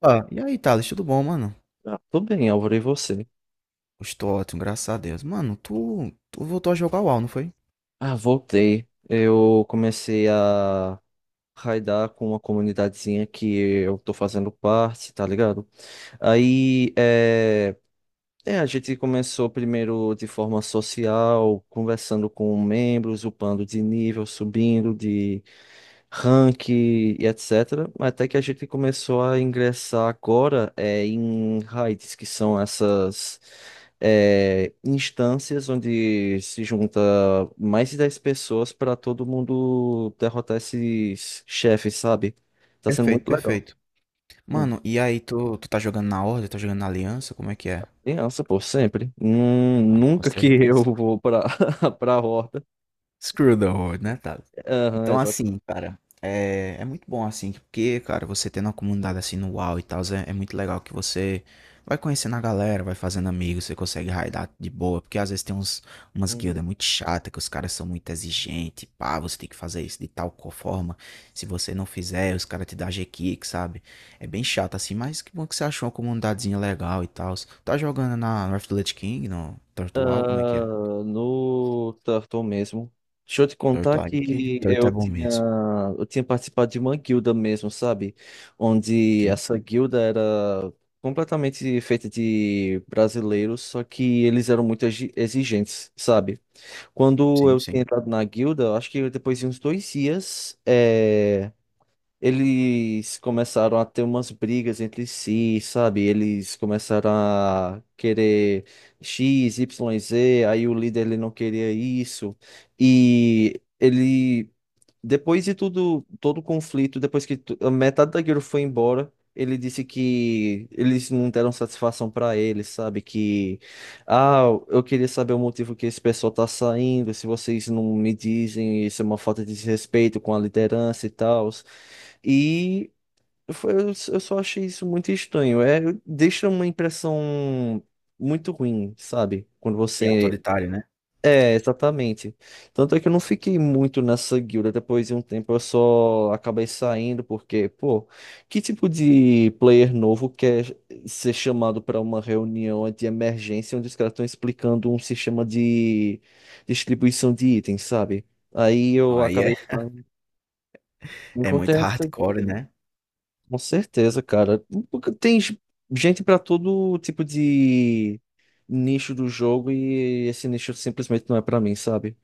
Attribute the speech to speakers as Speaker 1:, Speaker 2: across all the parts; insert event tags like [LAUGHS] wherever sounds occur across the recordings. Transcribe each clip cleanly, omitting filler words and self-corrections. Speaker 1: Opa, e aí, Thales, tudo bom, mano?
Speaker 2: Ah, tudo bem, Álvaro, e você?
Speaker 1: Estou ótimo, graças a Deus. Mano, tu voltou a jogar o WoW, não foi?
Speaker 2: Ah, voltei. Eu comecei a raidar com uma comunidadezinha que eu tô fazendo parte, tá ligado? Aí, é. É, a gente começou primeiro de forma social, conversando com membros, upando de nível, subindo de rank, e etc. Até que a gente começou a ingressar agora em raids, que são essas instâncias onde se junta mais de 10 pessoas para todo mundo derrotar esses chefes, sabe? Tá sendo
Speaker 1: Perfeito,
Speaker 2: muito legal.
Speaker 1: perfeito.
Speaker 2: Hum.
Speaker 1: Mano, e aí, tu tá jogando na Horda, tá jogando na Aliança? Como é que é?
Speaker 2: Criança, pô, sempre.
Speaker 1: Ah, com
Speaker 2: Nunca que [LAUGHS] eu
Speaker 1: certeza.
Speaker 2: vou pra, [LAUGHS] pra horta.
Speaker 1: Screw the world, né, Thales?
Speaker 2: Aham,
Speaker 1: Então,
Speaker 2: exato.
Speaker 1: assim, cara, é muito bom, assim, porque, cara, você tendo uma comunidade assim no WoW e tal, é muito legal que você vai conhecendo a galera, vai fazendo amigos, você consegue raidar de boa, porque às vezes tem umas
Speaker 2: Uhum.
Speaker 1: guildas muito chatas, que os caras são muito exigentes, pá, você tem que fazer isso de tal forma, se você não fizer, os caras te dão G-Kick, sabe? É bem chato, assim, mas que bom que você achou uma comunidadezinha legal e tal. Tá jogando na North Lich King, no Turtle WoW, como é que é?
Speaker 2: Ah, no turtle mesmo. Deixa eu te contar
Speaker 1: Turtle aí, que
Speaker 2: que
Speaker 1: Turtle é bom mesmo.
Speaker 2: eu tinha participado de uma guilda mesmo, sabe? Onde
Speaker 1: Sim.
Speaker 2: essa guilda era completamente feita de brasileiros, só que eles eram muito exigentes, sabe? Quando
Speaker 1: Sim,
Speaker 2: eu
Speaker 1: sim.
Speaker 2: tinha entrado na guilda, eu acho que depois de uns 2 dias, eles começaram a ter umas brigas entre si, sabe? Eles começaram a querer X, Y, Z, aí o líder ele não queria isso. E ele depois de tudo, todo o conflito, depois que a metade da guilda foi embora, ele disse que eles não deram satisfação pra ele, sabe? Que, ah, eu queria saber o motivo que esse pessoal tá saindo, se vocês não me dizem, isso é uma falta de respeito com a liderança e tal. E foi- eu eu só achei isso muito estranho. É, deixa uma impressão muito ruim, sabe? Quando
Speaker 1: E
Speaker 2: você
Speaker 1: autoritário, né.
Speaker 2: é, exatamente. Tanto é que eu não fiquei muito nessa guilda. Depois de um tempo eu só acabei saindo, porque, pô, que tipo de player novo quer ser chamado para uma reunião de emergência onde os caras estão explicando um sistema de distribuição de itens, sabe? Aí
Speaker 1: Não,
Speaker 2: eu
Speaker 1: aí
Speaker 2: acabei
Speaker 1: é [LAUGHS]
Speaker 2: saindo.
Speaker 1: é muito
Speaker 2: Encontrei essa guilda.
Speaker 1: hardcore, né.
Speaker 2: Com certeza, cara. Porque tem gente para todo tipo de nicho do jogo e esse nicho simplesmente não é para mim, sabe?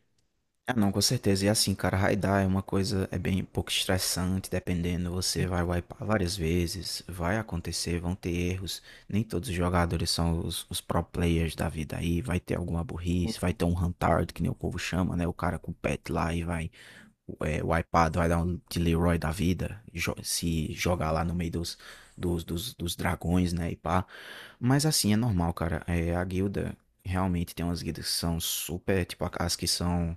Speaker 1: Ah, não, com certeza. E assim, cara, raidar é uma coisa é bem um pouco estressante, dependendo, você vai wipar várias vezes, vai acontecer, vão ter erros, nem todos os jogadores são os pro players da vida aí, vai ter alguma burrice, vai ter um "huntard", que nem o povo chama, né, o cara com o pet lá e vai wipeado, vai dar um de Leroy da vida, se jogar lá no meio dos dragões, né, e pá. Mas assim, é normal, cara. É, a guilda, realmente tem umas guildas que são super, tipo, as que são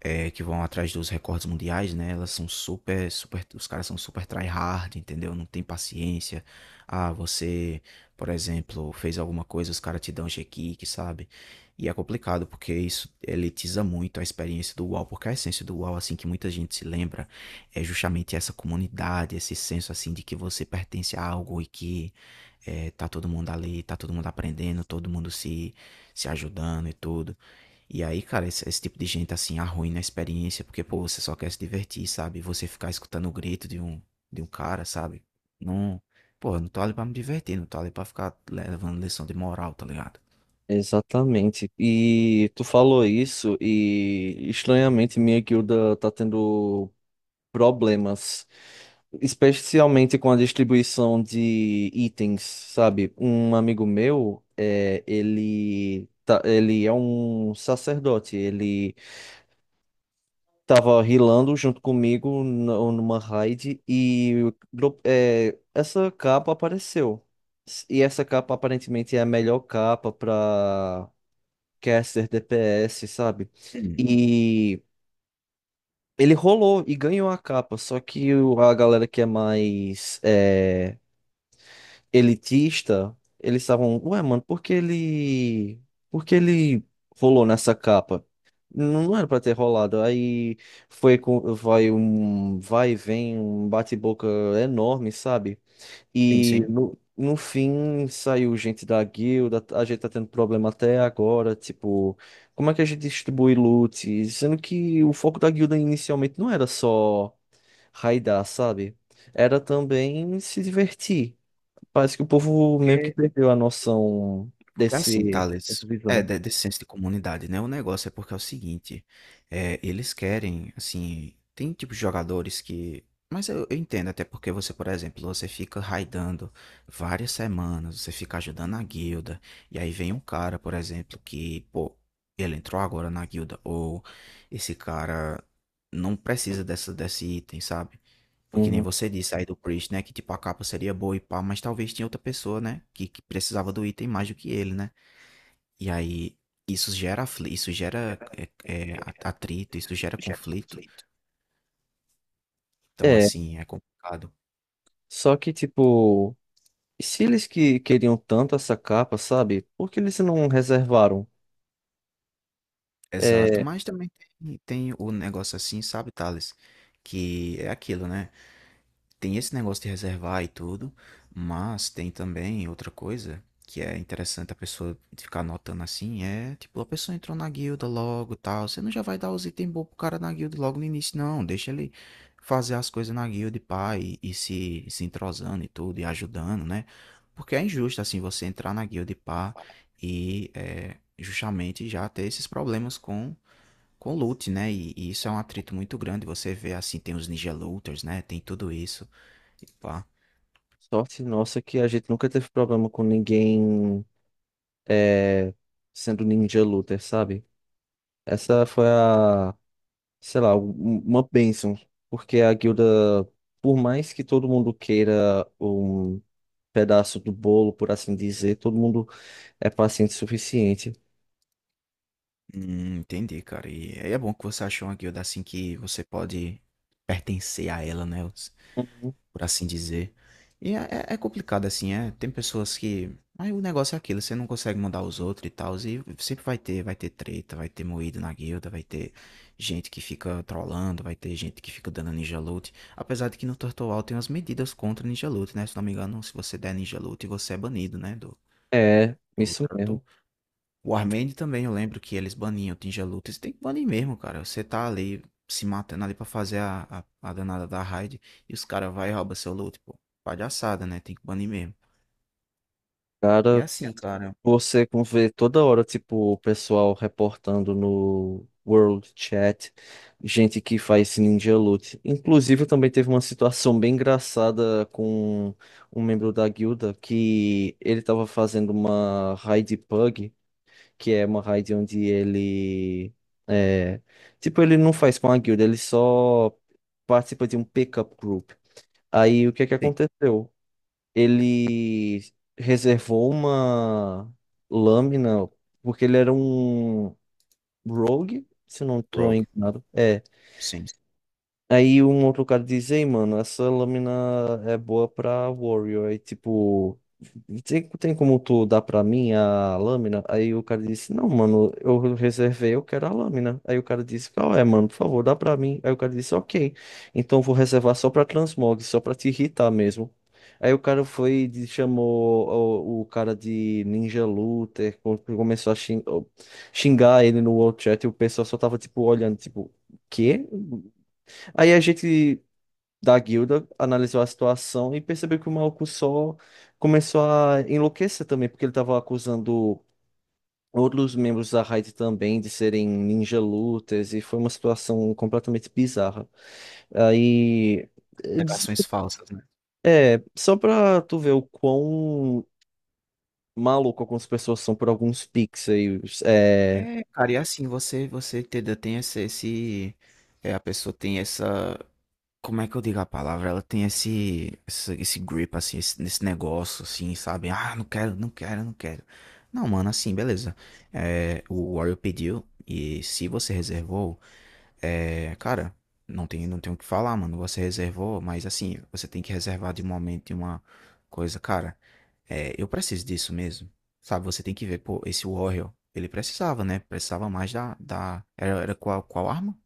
Speaker 1: que vão atrás dos recordes mundiais, né? Elas são super, super, os caras são super tryhard, entendeu? Não tem paciência. Ah, você, por exemplo, fez alguma coisa, os caras te dão G-Kick, sabe? E é complicado, porque isso elitiza muito a experiência do UOL, porque a essência do UOL, assim, que muita gente se lembra, é justamente essa comunidade, esse senso, assim, de que você pertence a algo e que tá todo mundo ali, tá todo mundo aprendendo, todo mundo se ajudando e tudo. E aí, cara, esse tipo de gente assim arruina a experiência, porque, pô, você só quer se divertir, sabe? Você ficar escutando o grito de um cara, sabe? Não. Pô, eu não tô ali pra me divertir, não tô ali pra ficar levando lição de moral, tá ligado?
Speaker 2: Exatamente. E tu falou isso e estranhamente minha guilda tá tendo problemas, especialmente com a distribuição de itens, sabe? Um amigo meu, ele tá, ele é um sacerdote, ele tava rilando junto comigo numa raid e essa capa apareceu. E essa capa aparentemente é a melhor capa para caster, DPS, sabe?
Speaker 1: Hum.
Speaker 2: E ele rolou e ganhou a capa, só que a galera que é mais elitista, eles estavam, ué, mano, por que ele rolou nessa capa? Não não era pra ter rolado. Aí foi com, vai um vai e vem, um bate-boca enorme, sabe?
Speaker 1: Sim,
Speaker 2: E
Speaker 1: sim.
Speaker 2: no fim saiu gente da guilda, a gente tá tendo problema até agora, tipo, como é que a gente distribui loot? Sendo que o foco da guilda inicialmente não era só raidar, sabe? Era também se divertir. Parece que o povo meio que
Speaker 1: Porque
Speaker 2: perdeu a noção
Speaker 1: Porque assim,
Speaker 2: dessa
Speaker 1: Thales, é
Speaker 2: visão.
Speaker 1: desse senso de comunidade, né? O negócio é porque é o seguinte, é, eles querem, assim, tem tipo de jogadores que. Mas eu entendo, até porque você, por exemplo, você fica raidando várias semanas, você fica ajudando a guilda, e aí vem um cara, por exemplo, que, pô, ele entrou agora na guilda, ou esse cara não precisa desse item, sabe? Porque nem
Speaker 2: Uhum.
Speaker 1: você disse aí do Priest, né? Que tipo a capa seria boa e pá, mas talvez tinha outra pessoa, né? Que precisava do item mais do que ele, né? E aí isso gera, é eh, atrito, isso gera conflito. Então,
Speaker 2: É,
Speaker 1: assim, é complicado.
Speaker 2: só que tipo, se eles que queriam tanto essa capa, sabe? Por que eles não reservaram?
Speaker 1: Exato.
Speaker 2: É,
Speaker 1: Mas também tem o negócio assim, sabe, Thales, que é aquilo, né? Tem esse negócio de reservar e tudo, mas tem também outra coisa que é interessante a pessoa ficar anotando assim, é tipo, a pessoa entrou na guilda logo, e tal, você não já vai dar os itens bons pro cara na guilda logo no início, não, deixa ele fazer as coisas na guilda e pá, e se entrosando e tudo, e ajudando, né? Porque é injusto, assim, você entrar na guilda e pá, é, justamente já ter esses problemas com loot, né? E isso é um atrito muito grande. Você vê assim, tem os ninja looters, né? Tem tudo isso. E pá.
Speaker 2: sorte nossa que a gente nunca teve problema com ninguém é, sendo ninja looter, sabe? Essa foi a, sei lá, uma bênção. Porque a guilda, por mais que todo mundo queira um pedaço do bolo, por assim dizer, todo mundo é paciente o suficiente.
Speaker 1: Entendi, cara. E aí é bom que você achou uma guilda assim que você pode pertencer a ela, né? Por assim dizer. E é, é complicado, assim, é. Tem pessoas que. Aí o negócio é aquilo, você não consegue mandar os outros e tal. E sempre vai ter treta, vai ter moído na guilda, vai ter gente que fica trollando, vai ter gente que fica dando ninja loot. Apesar de que no Turtle tem umas medidas contra ninja loot, né? Se não me engano, se você der ninja loot, você é banido, né? Do,
Speaker 2: É,
Speaker 1: do
Speaker 2: isso mesmo.
Speaker 1: Turtle. O Warmade também, eu lembro que eles baniam Tinja Luta. Lutas. Tem que banir mesmo, cara. Você tá ali se matando ali pra fazer a danada da raid e os caras vai e rouba seu loot, pô. Palhaçada, né? Tem que banir mesmo. E é
Speaker 2: Cara,
Speaker 1: assim, cara.
Speaker 2: você como vê toda hora, tipo, o pessoal reportando no World Chat, gente que faz Ninja Loot. Inclusive, também teve uma situação bem engraçada com um membro da guilda que ele tava fazendo uma raid pug, que é uma raid onde ele é, tipo, ele não faz com a guilda, ele só participa de um pickup group. Aí o que é que
Speaker 1: Sim.
Speaker 2: aconteceu? Ele reservou uma lâmina, porque ele era um rogue, se eu não estou
Speaker 1: Rogue.
Speaker 2: enganado.
Speaker 1: Sim.
Speaker 2: Aí um outro cara diz, ei, mano, essa lâmina é boa pra Warrior. Aí, tipo, tem como tu dar pra mim a lâmina? Aí o cara disse, não, mano, eu reservei, eu quero a lâmina. Aí o cara disse, qual é, mano, por favor, dá pra mim. Aí o cara disse, ok, então vou reservar só pra Transmog, só pra te irritar mesmo. Aí o cara foi, e chamou o cara de Ninja Luther, começou a xingar ele no World chat e o pessoal só tava, tipo, olhando, tipo, quê? Aí a gente da guilda analisou a situação e percebeu que o maluco só começou a enlouquecer também, porque ele estava acusando outros membros da raid também de serem ninja looters e foi uma situação completamente bizarra. Aí, eles-
Speaker 1: Alegações falsas, né?
Speaker 2: é, só pra tu ver o quão maluco algumas pessoas são por alguns pixels, é,
Speaker 1: É, cara, e é assim, você entendeu? Tem esse- é, a pessoa tem essa. Como é que eu digo a palavra? Ela tem esse grip, assim, esse, nesse negócio, assim, sabe? Ah, não quero, não quero, não quero. Não, mano, assim, beleza. É, o Warrior pediu, e se você reservou, é, cara, não tem o que falar, mano. Você reservou, mas assim, você tem que reservar de um momento de uma coisa, cara. É, eu preciso disso mesmo, sabe? Você tem que ver, pô, esse Warrior, ele precisava, né? Precisava mais da... era qual, qual arma?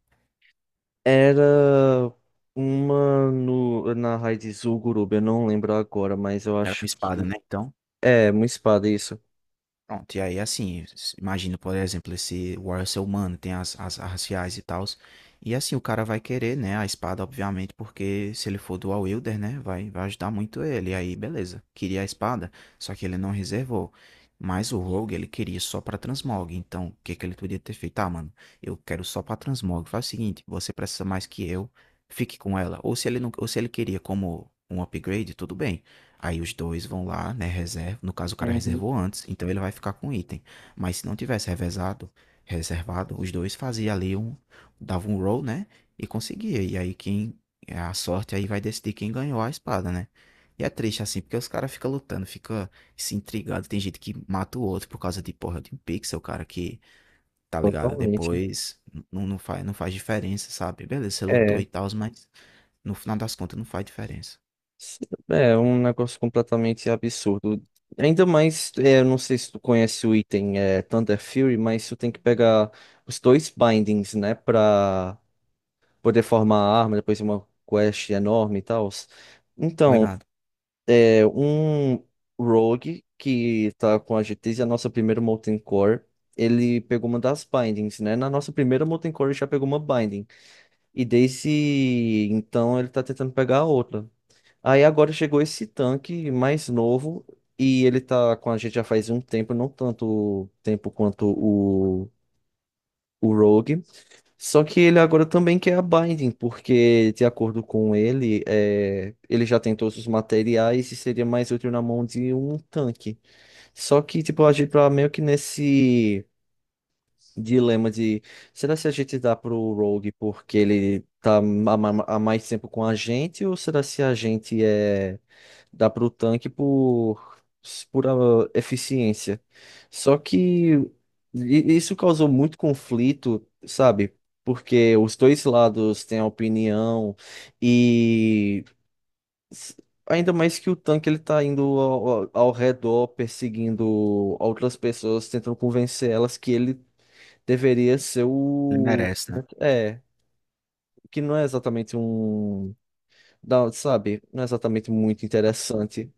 Speaker 2: era uma no, na raid Zul'Gurub, eu não lembro agora, mas eu
Speaker 1: Era uma
Speaker 2: acho que
Speaker 1: espada, né? Então.
Speaker 2: é, uma espada, isso.
Speaker 1: Pronto, e aí assim, imagina, por exemplo, esse Warrior ser humano, tem as, as raciais e tals. E assim, o cara vai querer, né, a espada, obviamente, porque se ele for dual wielder, né, vai ajudar muito ele. E aí, beleza, queria a espada, só que ele não reservou. Mas o Rogue, ele queria só pra transmog, então o que que ele podia ter feito? Ah, mano, eu quero só pra transmog. Faz o seguinte, você precisa mais que eu, fique com ela. Ou se ele não, ou se ele queria como um upgrade, tudo bem. Aí os dois vão lá, né? Reserva. No caso, o cara reservou antes, então ele vai ficar com o item. Mas se não tivesse revezado, reservado, os dois faziam ali um. Dava um roll, né? E conseguia. E aí quem. É, a sorte aí vai decidir quem ganhou a espada, né? E é triste assim, porque os caras ficam lutando, fica se intrigado. Tem gente que mata o outro por causa de porra de um pixel, cara, que, tá ligado?
Speaker 2: Totalmente.
Speaker 1: Depois não faz, não faz diferença, sabe? Beleza, você lutou
Speaker 2: É.
Speaker 1: e tal, mas no final das contas não faz diferença.
Speaker 2: S- é um negócio completamente absurdo. Ainda mais, é, eu não sei se tu conhece o item Thunder Fury, mas tu tem que pegar os dois bindings, né? Pra poder formar a arma, depois de uma quest enorme e tal.
Speaker 1: Tá
Speaker 2: Então,
Speaker 1: ligado?
Speaker 2: é um Rogue que tá com a GTs e a nossa primeira Molten Core. Ele pegou uma das bindings, né? Na nossa primeira Molten Core ele já pegou uma binding. E desse, então, ele tá tentando pegar a outra. Aí agora chegou esse tanque mais novo e ele tá com a gente já faz um tempo, não tanto tempo quanto o Rogue. Só que ele agora também quer a Binding, porque de acordo com ele, é, ele já tem todos os materiais e seria mais útil na mão de um tanque. Só que, tipo, a gente tá meio que nesse dilema de será se a gente dá pro Rogue porque ele tá há mais tempo com a gente ou será se a gente dá pro tanque por pura eficiência. Só que isso causou muito conflito, sabe? Porque os dois lados têm a opinião e s- ainda mais que o tanque ele tá indo ao, ao redor perseguindo outras pessoas, tentando convencer elas que ele deveria ser
Speaker 1: Ele
Speaker 2: o.
Speaker 1: merece, né?
Speaker 2: É, que não é exatamente um. Sabe? Não é exatamente muito interessante.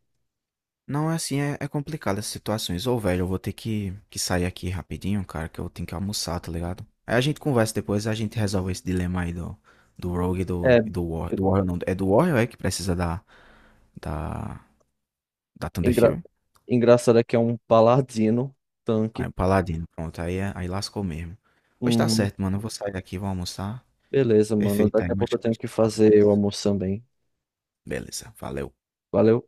Speaker 1: Não, é assim, é, é complicado essas situações. Ô, velho, eu vou ter que sair aqui rapidinho, cara, que eu tenho que almoçar, tá ligado? Aí a gente conversa depois, a gente resolve esse dilema aí do Rogue
Speaker 2: É,
Speaker 1: e do Warrior. Do Warrior não, é do Warrior é que precisa da, da Thunder
Speaker 2: engra...
Speaker 1: Fury?
Speaker 2: engraçado é que é um paladino
Speaker 1: Aí
Speaker 2: tanque.
Speaker 1: o Paladino, pronto, aí, aí lascou mesmo. Pois tá
Speaker 2: Uhum.
Speaker 1: certo, mano, eu vou sair aqui, vou almoçar.
Speaker 2: Beleza, mano.
Speaker 1: Perfeito, aí
Speaker 2: Daqui a
Speaker 1: mais
Speaker 2: pouco eu
Speaker 1: tarde a
Speaker 2: tenho que
Speaker 1: gente fala mais.
Speaker 2: fazer o almoço também.
Speaker 1: Beleza, valeu.
Speaker 2: Valeu.